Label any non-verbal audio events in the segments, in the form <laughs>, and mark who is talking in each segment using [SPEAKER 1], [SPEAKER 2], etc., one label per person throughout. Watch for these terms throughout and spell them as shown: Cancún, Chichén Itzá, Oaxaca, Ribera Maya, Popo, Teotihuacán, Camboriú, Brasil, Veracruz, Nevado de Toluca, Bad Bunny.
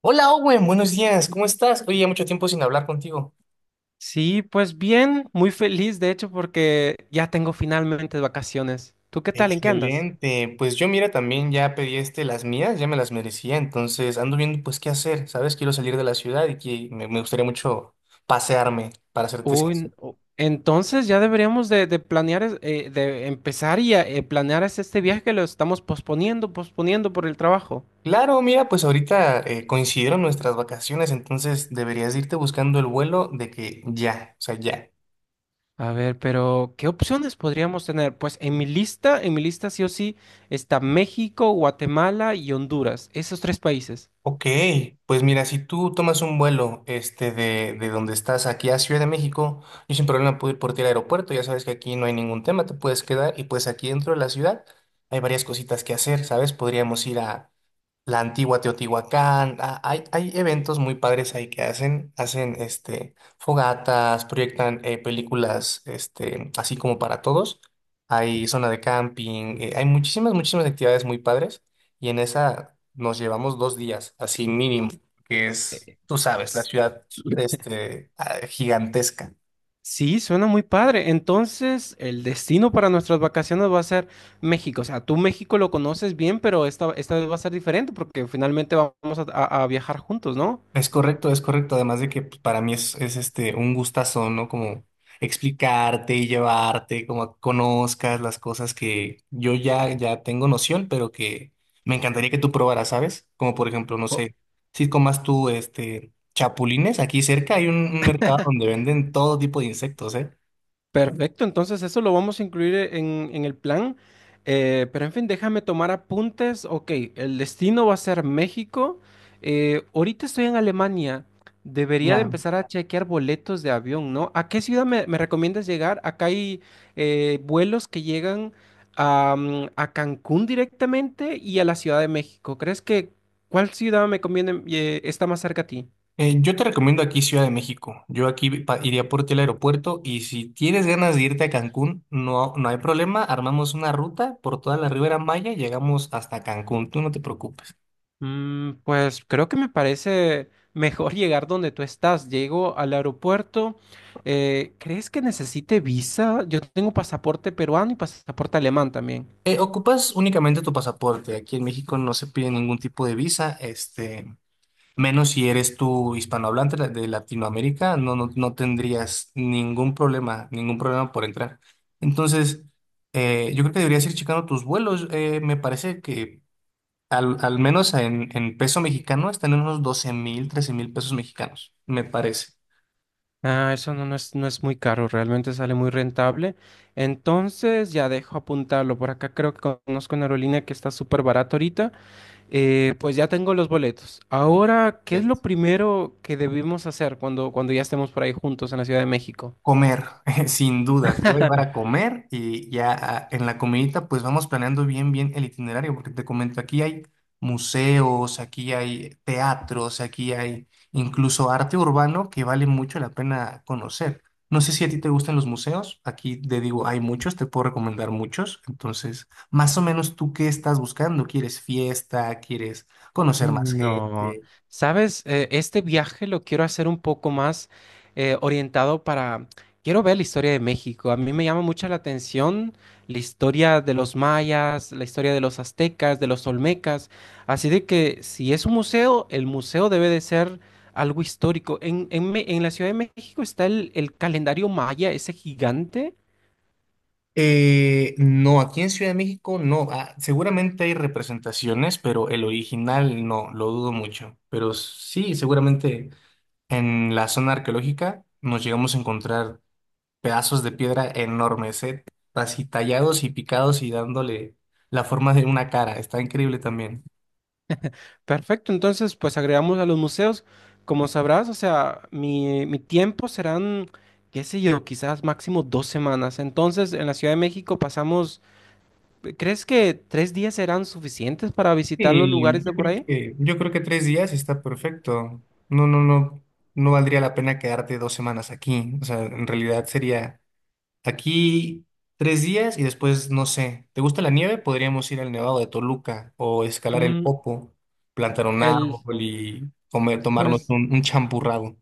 [SPEAKER 1] Hola Owen, buenos días, ¿cómo estás? Oye, ya mucho tiempo sin hablar contigo.
[SPEAKER 2] Sí, pues bien, muy feliz de hecho porque ya tengo finalmente vacaciones. ¿Tú qué tal? ¿En qué andas?
[SPEAKER 1] Excelente, pues yo mira, también ya pedí las mías, ya me las merecía, entonces ando viendo pues qué hacer, ¿sabes? Quiero salir de la ciudad y que me gustaría mucho pasearme, para serte
[SPEAKER 2] Uy,
[SPEAKER 1] sincero.
[SPEAKER 2] entonces ya deberíamos de planear, de empezar y planear es este viaje que lo estamos posponiendo, posponiendo por el trabajo.
[SPEAKER 1] Claro, mira, pues ahorita coincidieron nuestras vacaciones, entonces deberías irte buscando el vuelo de que ya, o sea, ya.
[SPEAKER 2] A ver, pero ¿qué opciones podríamos tener? Pues en mi lista sí o sí está México, Guatemala y Honduras, esos tres países.
[SPEAKER 1] Ok, pues mira, si tú tomas un vuelo de donde estás aquí a Ciudad de México, yo sin problema puedo ir por ti al aeropuerto, ya sabes que aquí no hay ningún tema, te puedes quedar y pues aquí dentro de la ciudad hay varias cositas que hacer, ¿sabes? Podríamos ir a la antigua Teotihuacán. Ah, hay eventos muy padres ahí que hacen fogatas, proyectan películas así como para todos. Hay zona de camping, hay muchísimas actividades muy padres y en esa nos llevamos 2 días, así mínimo, que es, tú sabes, la
[SPEAKER 2] S-
[SPEAKER 1] ciudad gigantesca.
[SPEAKER 2] Sí, suena muy padre. Entonces, el destino para nuestras vacaciones va a ser México. O sea, tú México lo conoces bien, pero esta vez va a ser diferente porque finalmente vamos a viajar juntos, ¿no?
[SPEAKER 1] Es correcto, es correcto. Además de que pues, para mí es un gustazo, ¿no? Como explicarte y llevarte, como a que conozcas las cosas que yo ya tengo noción, pero que me encantaría que tú probaras, ¿sabes? Como por ejemplo, no
[SPEAKER 2] O-
[SPEAKER 1] sé, si comas tú este chapulines, aquí cerca hay un mercado donde venden todo tipo de insectos, ¿eh?
[SPEAKER 2] Perfecto, entonces eso lo vamos a incluir en el plan. Pero en fin, déjame tomar apuntes. Ok, el destino va a ser México. Ahorita estoy en Alemania. Debería de
[SPEAKER 1] Ya.
[SPEAKER 2] empezar a chequear boletos de avión, ¿no? ¿A qué ciudad me recomiendas llegar? Acá hay vuelos que llegan a Cancún directamente y a la Ciudad de México. ¿Crees que cuál ciudad me conviene, está más cerca a ti?
[SPEAKER 1] Yo te recomiendo aquí Ciudad de México. Yo aquí pa- iría por ti al aeropuerto y si tienes ganas de irte a Cancún, no hay problema. Armamos una ruta por toda la Ribera Maya y llegamos hasta Cancún. Tú no te preocupes.
[SPEAKER 2] Pues creo que me parece mejor <laughs> llegar donde tú estás. Llego al aeropuerto. ¿Crees que necesite visa? Yo tengo pasaporte peruano y pasaporte alemán también.
[SPEAKER 1] Ocupas únicamente tu pasaporte. Aquí en México no se pide ningún tipo de visa, menos si eres tú hispanohablante la- de Latinoamérica, no tendrías ningún problema por entrar. Entonces, yo creo que deberías ir checando tus vuelos. Me parece que al menos en peso mexicano están en unos 12,000, 13,000 pesos mexicanos, me parece.
[SPEAKER 2] Ah, eso no, no es, no es muy caro, realmente sale muy rentable. Entonces ya dejo apuntarlo. Por acá creo que conozco una aerolínea que está súper barata ahorita. Pues ya tengo los boletos. Ahora, ¿qué es lo primero que debemos hacer cuando, cuando ya estemos por ahí juntos en la Ciudad de México?
[SPEAKER 1] Comer, <laughs> sin duda, te voy a llevar a
[SPEAKER 2] <laughs>
[SPEAKER 1] comer y ya ah, en la comidita pues vamos planeando bien el itinerario, porque te comento, aquí hay museos, aquí hay teatros, aquí hay incluso arte urbano que vale mucho la pena conocer. No sé si a ti te gustan los museos, aquí te digo, hay muchos, te puedo recomendar muchos, entonces, más o menos tú qué estás buscando, ¿quieres fiesta? ¿Quieres conocer más
[SPEAKER 2] No,
[SPEAKER 1] gente?
[SPEAKER 2] sabes, este viaje lo quiero hacer un poco más orientado para, quiero ver la historia de México. A mí me llama mucho la atención la historia de los mayas, la historia de los aztecas, de los olmecas. Así de que si es un museo, el museo debe de ser algo histórico. En la Ciudad de México está el calendario maya, ese gigante.
[SPEAKER 1] No, aquí en Ciudad de México no. Ah, seguramente hay representaciones, pero el original no, lo dudo mucho. Pero sí, seguramente en la zona arqueológica nos llegamos a encontrar pedazos de piedra enormes, así tallados y picados y dándole la forma de una cara. Está increíble también.
[SPEAKER 2] Perfecto, entonces pues agregamos a los museos, como sabrás, o sea, mi tiempo serán, qué sé yo, quizás máximo dos semanas. Entonces, en la Ciudad de México pasamos, ¿crees que tres días serán suficientes para visitar los
[SPEAKER 1] Y
[SPEAKER 2] lugares de
[SPEAKER 1] yo
[SPEAKER 2] por
[SPEAKER 1] creo
[SPEAKER 2] ahí?
[SPEAKER 1] yo creo que 3 días está perfecto. No, no, no, no valdría la pena quedarte 2 semanas aquí. O sea, en realidad sería aquí 3 días y después, no sé, ¿te gusta la nieve? Podríamos ir al Nevado de Toluca o escalar el
[SPEAKER 2] Mm,
[SPEAKER 1] Popo, plantar un
[SPEAKER 2] el,
[SPEAKER 1] árbol y comer, tomarnos
[SPEAKER 2] pues
[SPEAKER 1] un champurrado.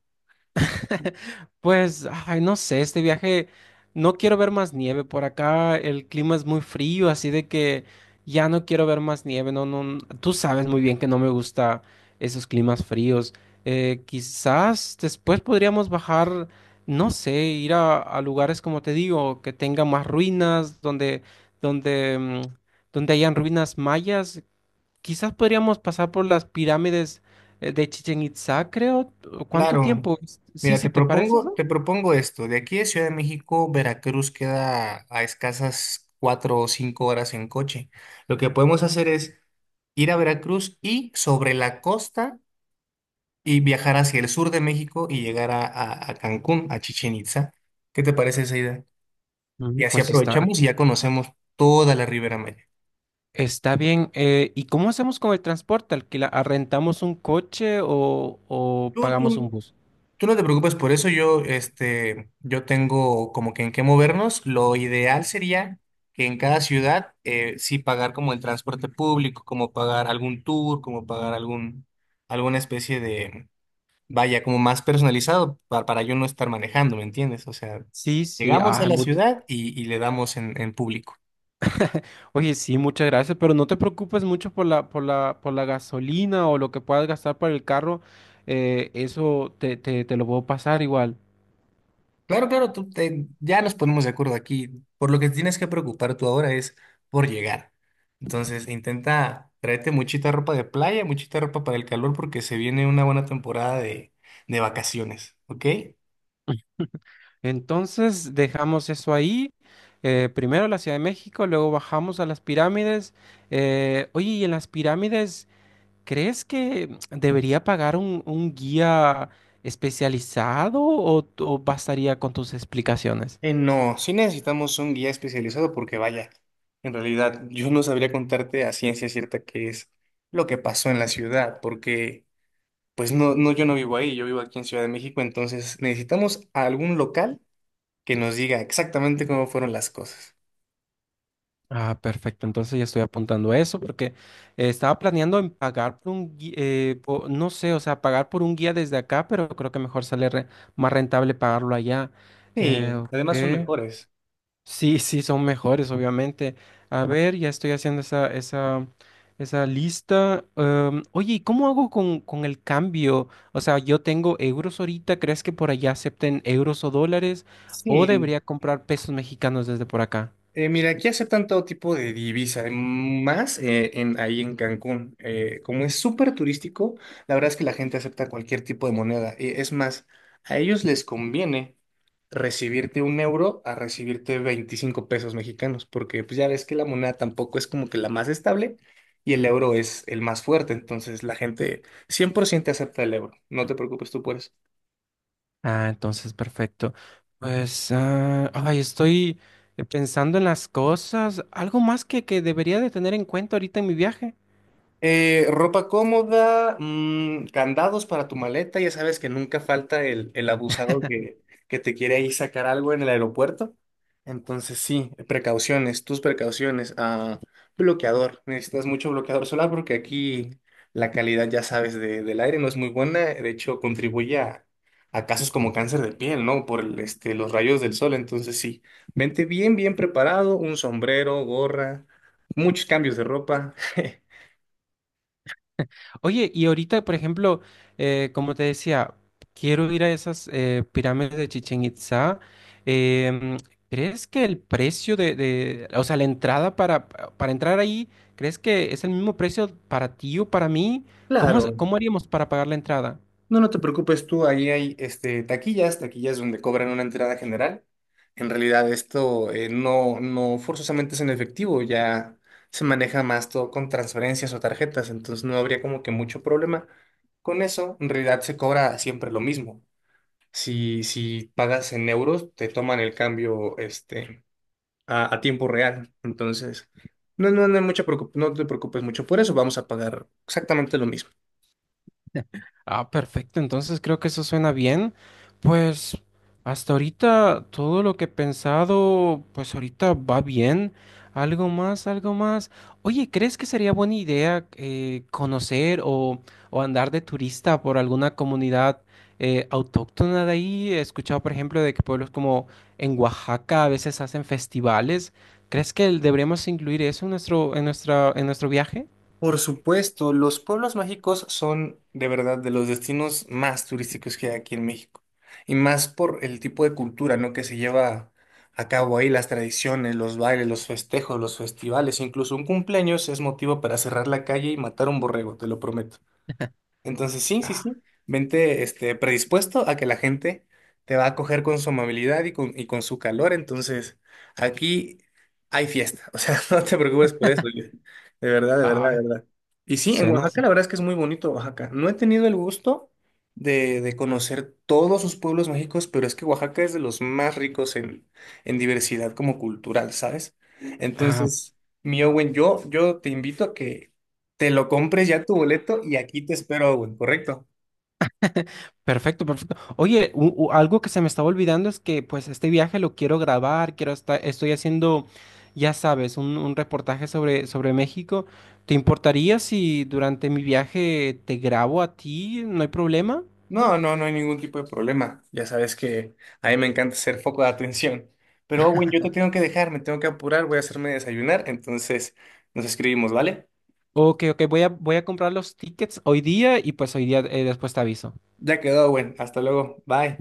[SPEAKER 2] <laughs> Pues, ay, no sé, este viaje, no quiero ver más nieve por acá, el clima es muy frío, así de que ya no quiero ver más nieve, no, no, tú sabes muy bien que no me gusta esos climas fríos. Quizás después podríamos bajar, no sé, ir a lugares como te digo, que tengan más ruinas, donde, mm, donde hayan ruinas mayas. Quizás podríamos pasar por las pirámides de Chichen Itzá, creo. ¿Cuánto
[SPEAKER 1] Claro.
[SPEAKER 2] tiempo? Sí,
[SPEAKER 1] Mira,
[SPEAKER 2] sí, ¿te parece eso?
[SPEAKER 1] te propongo esto. De aquí de Ciudad de México, Veracruz queda a escasas 4 o 5 horas en coche. Lo que podemos hacer es ir a Veracruz y sobre la costa y viajar hacia el sur de México y llegar a Cancún, a Chichén Itzá. ¿Qué te parece esa idea? Y así
[SPEAKER 2] Pues está,
[SPEAKER 1] aprovechamos y ya conocemos toda la Ribera Maya.
[SPEAKER 2] está bien. ¿Y cómo hacemos con el transporte? ¿Alquila, arrendamos un coche o
[SPEAKER 1] Tú,
[SPEAKER 2] pagamos un
[SPEAKER 1] tú-
[SPEAKER 2] bus?
[SPEAKER 1] tú no te preocupes por eso, yo, este, yo tengo como que en qué movernos. Lo ideal sería que en cada ciudad sí pagar como el transporte público, como pagar algún tour, como pagar alguna especie vaya, como más personalizado para yo no estar manejando, ¿me entiendes? O sea,
[SPEAKER 2] Sí, sí.
[SPEAKER 1] llegamos a
[SPEAKER 2] Ah,
[SPEAKER 1] la ciudad y le damos en público.
[SPEAKER 2] oye, sí, muchas gracias, pero no te preocupes mucho por la, por la, por la gasolina o lo que puedas gastar para el carro. Eso te lo puedo pasar igual.
[SPEAKER 1] Claro, claro, tú te- ya nos ponemos de acuerdo aquí. Por lo que tienes que preocupar tú ahora es por llegar. Entonces, intenta tráete muchita ropa de playa, muchita ropa para el calor, porque se viene una buena temporada de vacaciones, ¿ok?
[SPEAKER 2] Entonces dejamos eso ahí. Primero la Ciudad de México, luego bajamos a las pirámides. Oye, y en las pirámides, ¿crees que <tsk> debería pagar un guía especializado o bastaría con tus explicaciones?
[SPEAKER 1] No, sí necesitamos un guía especializado porque vaya, en realidad yo no sabría contarte a ciencia cierta qué es lo que pasó en la ciudad, porque yo no vivo ahí, yo vivo aquí en Ciudad de México, entonces necesitamos a algún local que nos diga exactamente cómo fueron las cosas.
[SPEAKER 2] Ah, perfecto. Entonces ya estoy apuntando a eso porque estaba planeando en pagar por un guía, no sé, o sea, pagar por un guía desde acá, pero creo que mejor sale más rentable pagarlo allá.
[SPEAKER 1] Sí, además son
[SPEAKER 2] Ok.
[SPEAKER 1] mejores.
[SPEAKER 2] Sí, sí, son mejores, obviamente. A ver, ya estoy haciendo esa lista. Oye, ¿y cómo hago con el cambio? O sea, yo tengo euros ahorita, ¿crees que por allá acepten euros o dólares? ¿O
[SPEAKER 1] Sí.
[SPEAKER 2] debería comprar pesos mexicanos desde por acá?
[SPEAKER 1] Mira, aquí aceptan todo tipo de divisa, ahí en Cancún. Como es súper turístico, la verdad es que la gente acepta cualquier tipo de moneda. Y es más, a ellos les conviene recibirte un euro a recibirte 25 pesos mexicanos, porque pues ya ves que la moneda tampoco es como que la más estable y el euro es el más fuerte. Entonces la gente 100% acepta el euro. No te preocupes tú por eso.
[SPEAKER 2] Ah, entonces, perfecto. Pues, ah, ay, estoy pensando en las cosas. Algo más que debería de tener en cuenta ahorita en mi viaje.
[SPEAKER 1] Ropa cómoda, candados para tu maleta, ya sabes que nunca falta el abusado que te quiere ahí sacar algo en el aeropuerto. Entonces sí, precauciones, tus precauciones. Ah, bloqueador, necesitas mucho bloqueador solar porque aquí la calidad, ya sabes, de- del aire no es muy buena. De hecho, contribuye a casos como cáncer de piel, ¿no? Por los rayos del sol. Entonces sí, vente bien preparado, un sombrero, gorra, muchos cambios de ropa. <laughs>
[SPEAKER 2] Oye, y ahorita, por ejemplo, como te decía, quiero ir a esas pirámides de Chichén Itzá. Em, ¿Crees que el precio o sea, la entrada para entrar ahí, ¿crees que es el mismo precio para ti o para mí? ¿Cómo,
[SPEAKER 1] Claro,
[SPEAKER 2] cómo haríamos para pagar la entrada?
[SPEAKER 1] no te preocupes tú, ahí hay taquillas, taquillas donde cobran una entrada general. En realidad esto no forzosamente es en efectivo, ya se maneja más todo con transferencias o tarjetas, entonces no habría como que mucho problema. Con eso, en realidad se cobra siempre lo mismo. Si pagas en euros, te toman el cambio a tiempo real, entonces no hay mucha preocup- no te preocupes mucho por eso, vamos a pagar exactamente lo mismo.
[SPEAKER 2] Ah, perfecto. Entonces creo que eso suena bien. Pues hasta ahorita todo lo que he pensado, pues ahorita va bien. Algo más, algo más. Oye, ¿crees que sería buena idea conocer o andar de turista por alguna comunidad autóctona de ahí? He escuchado, por ejemplo, de que pueblos como en Oaxaca a veces hacen festivales. ¿Crees que deberíamos incluir eso en nuestro, en nuestra, en nuestro viaje?
[SPEAKER 1] Por supuesto, los pueblos mágicos son de verdad de los destinos más turísticos que hay aquí en México. Y más por el tipo de cultura, ¿no? que se lleva a cabo ahí, las tradiciones, los bailes, los festejos, los festivales, incluso un cumpleaños es motivo para cerrar la calle y matar un borrego, te lo prometo.
[SPEAKER 2] <laughs>
[SPEAKER 1] Entonces, sí, sí,
[SPEAKER 2] Ah,
[SPEAKER 1] sí. Vente, predispuesto a que la gente te va a acoger con su amabilidad y con su calor. Entonces, aquí hay fiesta. O sea, <laughs> no te preocupes por eso. Luis. De verdad, de verdad, de
[SPEAKER 2] ah,
[SPEAKER 1] verdad. Y sí, en
[SPEAKER 2] suena.
[SPEAKER 1] Oaxaca la verdad es que es muy bonito Oaxaca. No he tenido el gusto de conocer todos sus pueblos mágicos, pero es que Oaxaca es de los más ricos en diversidad como cultural, ¿sabes?
[SPEAKER 2] Ah,
[SPEAKER 1] Entonces, mi Owen, yo te invito te lo compres ya tu boleto y aquí te espero, güey, ¿correcto?
[SPEAKER 2] <laughs> perfecto, perfecto. Oye, algo que se me estaba olvidando es que pues este viaje lo quiero grabar, quiero estar, estoy haciendo, ya sabes, un reportaje sobre, sobre México. ¿Te importaría si durante mi viaje te grabo a ti? ¿No hay problema?
[SPEAKER 1] No hay ningún tipo de problema. Ya sabes que a mí me encanta ser foco de atención. Pero, Owen, yo te tengo que dejar, me tengo que apurar, voy a hacerme desayunar, entonces nos escribimos, ¿vale?
[SPEAKER 2] Ok, ok, voy a, voy a comprar los tickets hoy día y pues hoy día después te aviso.
[SPEAKER 1] Ya quedó, Owen, hasta luego, bye.